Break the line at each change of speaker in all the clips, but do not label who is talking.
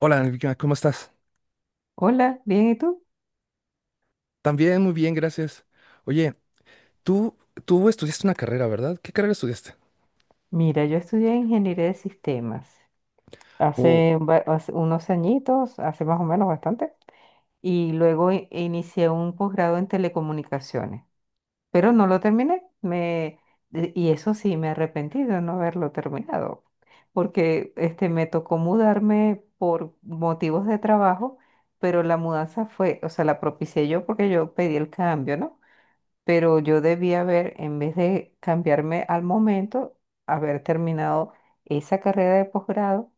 Hola, Angélica, ¿cómo estás?
Hola, bien, ¿y tú?
También muy bien, gracias. Oye, tú, tú estudiaste una carrera, ¿verdad? ¿Qué carrera estudiaste?
Mira, yo estudié ingeniería de sistemas
O
hace unos añitos, hace más o menos bastante, y luego inicié un posgrado en telecomunicaciones, pero no lo terminé. Y eso sí, me arrepentí de no haberlo terminado, porque me tocó mudarme por motivos de trabajo, pero la mudanza fue. La propicié yo porque yo pedí el cambio, ¿no? Pero yo debía haber, en vez de cambiarme al momento, haber terminado esa carrera de posgrado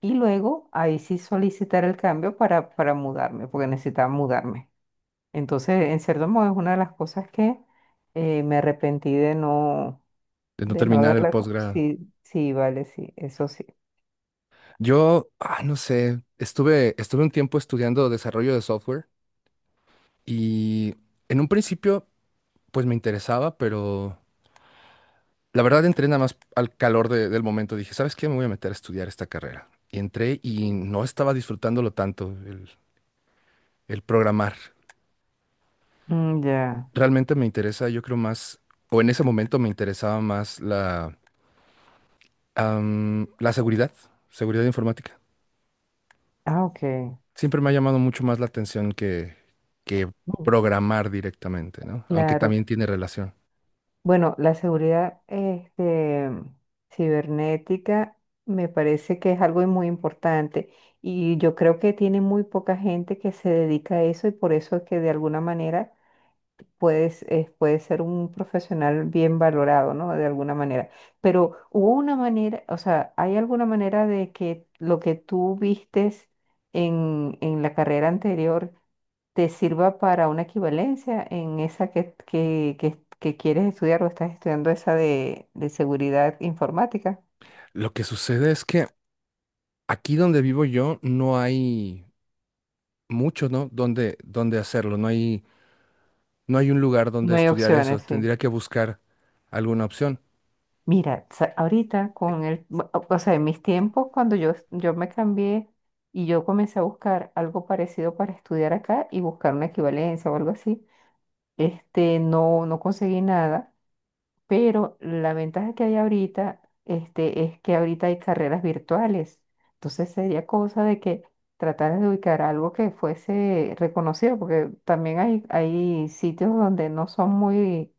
y luego ahí sí solicitar el cambio para mudarme, porque necesitaba mudarme. Entonces, en cierto modo, es una de las cosas que me arrepentí
de no
de no
terminar el
haberla.
posgrado.
Sí, sí, vale, sí, eso sí.
Yo, ah, no sé, estuve un tiempo estudiando desarrollo de software y en un principio, pues me interesaba, pero la verdad entré nada más al calor del momento. Dije, ¿sabes qué? Me voy a meter a estudiar esta carrera. Y entré y no estaba disfrutándolo tanto, el programar.
Mm, ya.
Realmente me interesa, yo creo más, o en ese momento me interesaba más. La seguridad, seguridad informática.
Ah, ok.
Siempre me ha llamado mucho más la atención que
Mm.
programar directamente, ¿no? Aunque
Claro.
también tiene relación.
Bueno, la seguridad cibernética me parece que es algo muy importante, y yo creo que tiene muy poca gente que se dedica a eso, y por eso es que de alguna manera puedes ser un profesional bien valorado, ¿no? De alguna manera. Pero hubo una manera, o sea, ¿hay alguna manera de que lo que tú vistes en la carrera anterior te sirva para una equivalencia en esa que quieres estudiar o estás estudiando esa de seguridad informática?
Lo que sucede es que aquí donde vivo yo no hay mucho, ¿no? Donde, donde hacerlo. No hay, no hay un lugar donde
No hay
estudiar eso.
opciones, sí.
Tendría que buscar alguna opción.
Mira, sa- ahorita con el. O sea, en mis tiempos cuando yo me cambié y yo comencé a buscar algo parecido para estudiar acá y buscar una equivalencia o algo así, no conseguí nada, pero la ventaja que hay ahorita, es que ahorita hay carreras virtuales. Entonces sería cosa de que tratar de ubicar algo que fuese reconocido, porque también hay sitios donde no son muy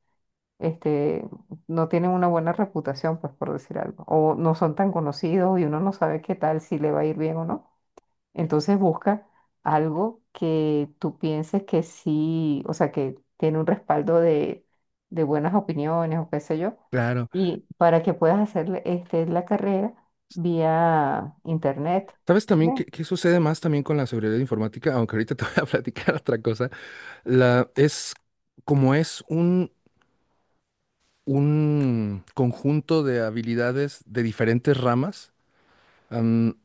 este, no tienen una buena reputación, pues por decir algo, o no son tan conocidos y uno no sabe qué tal, si le va a ir bien o no. Entonces busca algo que tú pienses que sí, o sea, que tiene un respaldo de buenas opiniones o qué sé yo,
Claro.
y para que puedas hacer la carrera vía internet.
¿Sabes también
¿Ve?
qué, qué sucede más también con la seguridad informática? Aunque ahorita te voy a platicar otra cosa. La, es como es un conjunto de habilidades de diferentes ramas. am,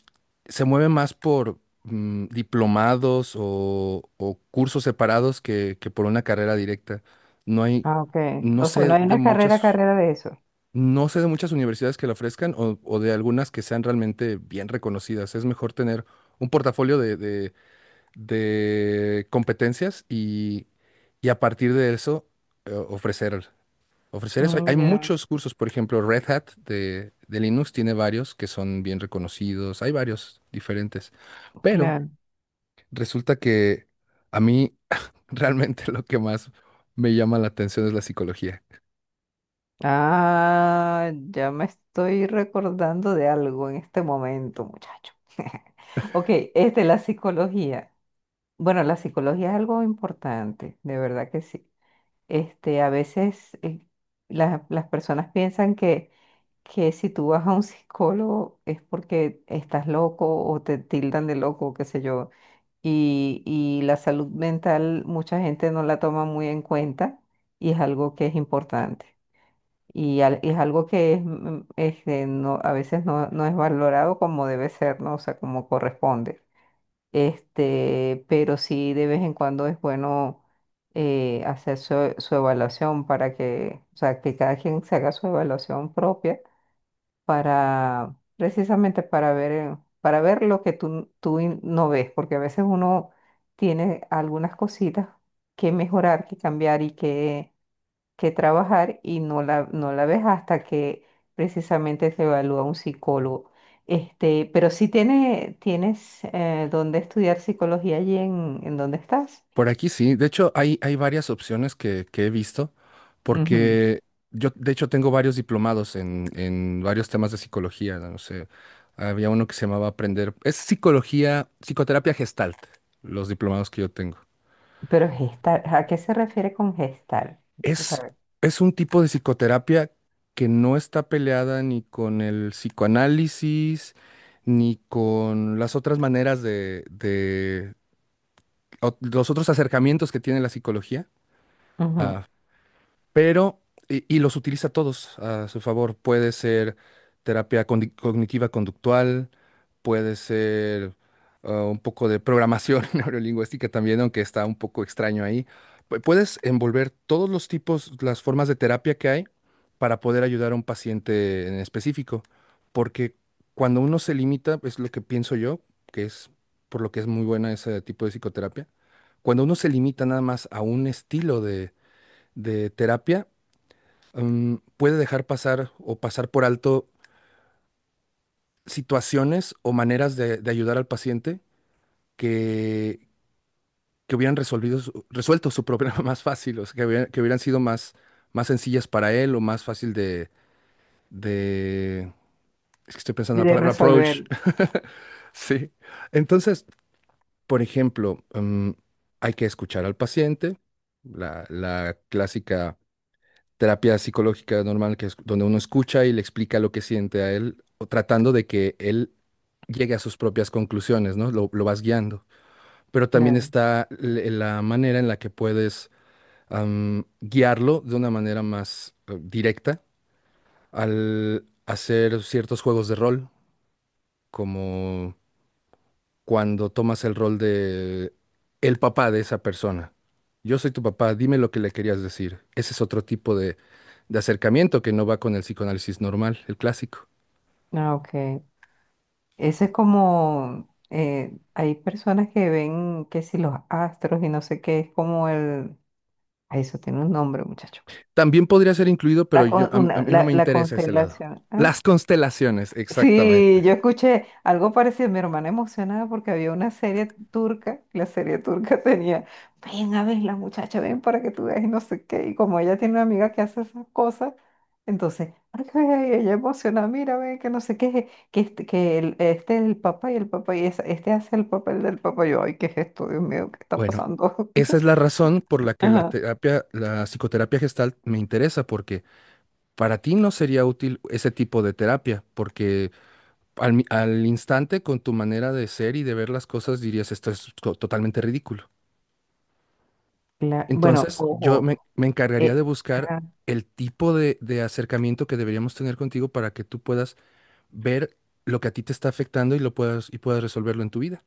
Se mueve más por diplomados o cursos separados que por una carrera directa. No hay,
Ah, ok.
no
O sea, no
sé
hay
de
una
muchas,
carrera de eso.
no sé de muchas universidades que la ofrezcan o de algunas que sean realmente bien reconocidas. Es mejor tener un portafolio de, de competencias y a partir de eso ofrecer ofrecer eso. Hay
Mm, ya,
muchos cursos, por ejemplo, Red Hat de Linux tiene varios que son bien reconocidos, hay varios diferentes, pero
claro.
resulta que a mí realmente lo que más me llama la atención es la psicología.
Ah, ya me estoy recordando de algo en este momento, muchacho. Ok, la psicología. Bueno, la psicología es algo importante, de verdad que sí. A veces las personas piensan que si tú vas a un psicólogo es porque estás loco o te tildan de loco, qué sé yo. Y la salud mental mucha gente no la toma muy en cuenta y es algo que es importante. Y es algo que es, a veces no es valorado como debe ser, ¿no? O sea, como corresponde. Pero sí de vez en cuando es bueno hacer su evaluación para que, o sea, que cada quien se haga su evaluación propia para, precisamente para ver lo que tú no ves, porque a veces uno tiene algunas cositas que mejorar, que cambiar y que trabajar y no no la ves hasta que precisamente se evalúa un psicólogo. Pero sí tienes dónde estudiar psicología allí en donde estás.
Por aquí sí, de hecho hay, hay varias opciones que he visto,
Ujú.
porque yo de hecho tengo varios diplomados en varios temas de psicología, no sé, había uno que se llamaba Aprender, es psicología, psicoterapia gestalt, los diplomados que yo tengo.
Pero gestar, ¿a qué se refiere con gestar? O
Es,
sea,
es un tipo de psicoterapia que no está peleada ni con el psicoanálisis, ni con las otras maneras de los otros acercamientos que tiene la psicología,
ujú,
pero y los utiliza todos a su favor. Puede ser terapia cognitiva conductual, puede ser un poco de programación neurolingüística también, aunque está un poco extraño ahí. Puedes envolver todos los tipos, las formas de terapia que hay para poder ayudar a un paciente en específico, porque cuando uno se limita, es lo que pienso yo, que es por lo que es muy buena ese tipo de psicoterapia, cuando uno se limita nada más a un estilo de terapia, puede dejar pasar o pasar por alto situaciones o maneras de ayudar al paciente que, que hubieran resuelto su problema más fácil, o sea, que hubieran sido más, más sencillas para él o más fácil de... Es que estoy pensando en la
de
palabra
resolver.
approach. Sí. Entonces, por ejemplo, hay que escuchar al paciente, la la clásica terapia psicológica normal, que es donde uno escucha y le explica lo que siente a él, o tratando de que él llegue a sus propias conclusiones, ¿no? Lo vas guiando. Pero también
Claro.
está la manera en la que puedes guiarlo de una manera más directa al hacer ciertos juegos de rol, como cuando tomas el rol de el papá de esa persona. Yo soy tu papá, dime lo que le querías decir. Ese es otro tipo de acercamiento que no va con el psicoanálisis normal, el clásico.
Ah, ok. Eso es como, hay personas que ven que si los astros y no sé qué, es como el, ay, eso tiene un nombre, muchacho.
También podría ser incluido, pero yo, a mí no me
La
interesa ese lado.
constelación. ¿Ah?
Las constelaciones,
Sí,
exactamente.
yo escuché algo parecido, mi hermana emocionada porque había una serie turca, la serie turca tenía, ven a ver la muchacha, ven para que tú veas y no sé qué, y como ella tiene una amiga que hace esas cosas, entonces, ay, ay, ella emocionada, mira, ven que no sé qué, que este es el papá y este hace el papel del papá, yo, ay, ¿qué es esto? Dios mío, ¿qué está
Bueno,
pasando?
esa es la razón por la que la
Ajá.
terapia, la psicoterapia gestal me interesa, porque para ti no sería útil ese tipo de terapia, porque al, al instante con tu manera de ser y de ver las cosas dirías, esto es totalmente ridículo.
Bueno,
Entonces, yo
ojo,
me, me encargaría de
eh,
buscar
ah.
el tipo de acercamiento que deberíamos tener contigo para que tú puedas ver lo que a ti te está afectando y lo puedas y puedas resolverlo en tu vida.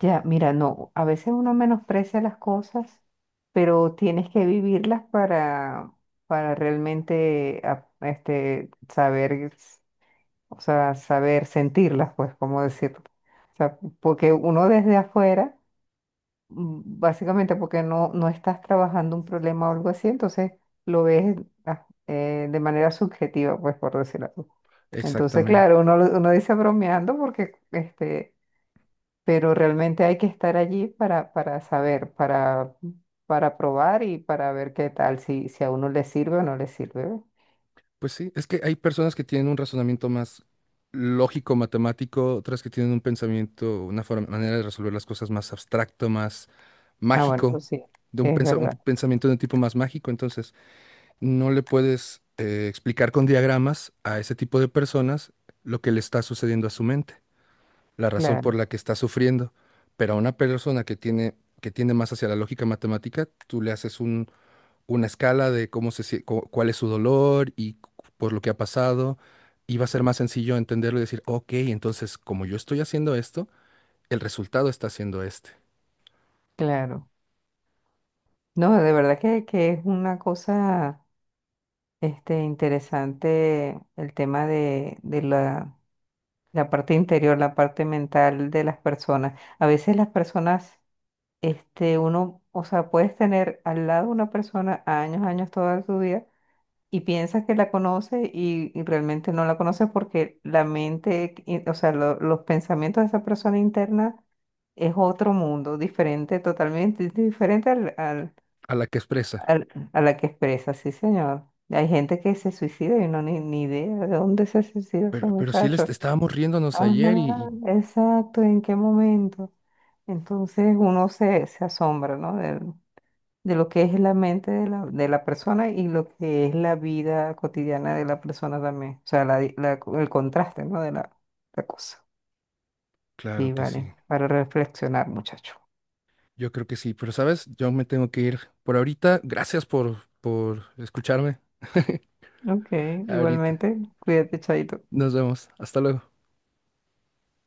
Ya, mira, no, a veces uno menosprecia las cosas, pero tienes que vivirlas para realmente saber, o sea, saber sentirlas, pues, cómo decirlo. O sea, porque uno desde afuera, básicamente porque no estás trabajando un problema o algo así, entonces lo ves de manera subjetiva, pues, por decirlo así. Entonces,
Exactamente.
claro, uno dice bromeando porque pero realmente hay que estar allí para saber, para probar y para ver qué tal, si a uno le sirve o no le sirve. ¿Ve?
Pues sí, es que hay personas que tienen un razonamiento más lógico, matemático, otras que tienen un pensamiento, una forma, manera de resolver las cosas más abstracto, más
Ah, bueno, eso
mágico,
sí,
de un,
es
un
verdad,
pensamiento de un tipo más mágico, entonces no le puedes explicar con diagramas a ese tipo de personas lo que le está sucediendo a su mente, la razón por
claro,
la que está sufriendo. Pero a una persona que tiene, que tiende más hacia la lógica matemática, tú le haces una escala de cómo se, cuál es su dolor y por lo que ha pasado, y va a ser más sencillo entenderlo y decir, ok, entonces como yo estoy haciendo esto, el resultado está siendo este,
claro. No, de verdad que es una cosa interesante el tema de la parte interior, la parte mental de las personas. A veces las personas, o sea, puedes tener al lado una persona años, años, toda su vida y piensas que la conoce y realmente no la conoces porque la mente. O sea, los pensamientos de esa persona interna es otro mundo, diferente, totalmente diferente
a la que expresa.
a la que expresa, sí, señor. Hay gente que se suicida y no ni idea de dónde se suicidó ese
Pero sí les
muchacho.
estábamos riéndonos ayer y
Ajá, exacto, ¿en qué momento? Entonces uno se asombra, ¿no? De lo que es la mente de de la persona y lo que es la vida cotidiana de la persona también. O sea, la, di- la co- el contraste, ¿no? De la cosa.
claro
Sí,
que
vale.
sí.
Para reflexionar, muchacho.
Yo creo que sí, pero sabes, yo me tengo que ir por ahorita. Gracias por escucharme.
Ok,
Ahorita.
igualmente, cuídate, chaito.
Nos vemos. Hasta luego.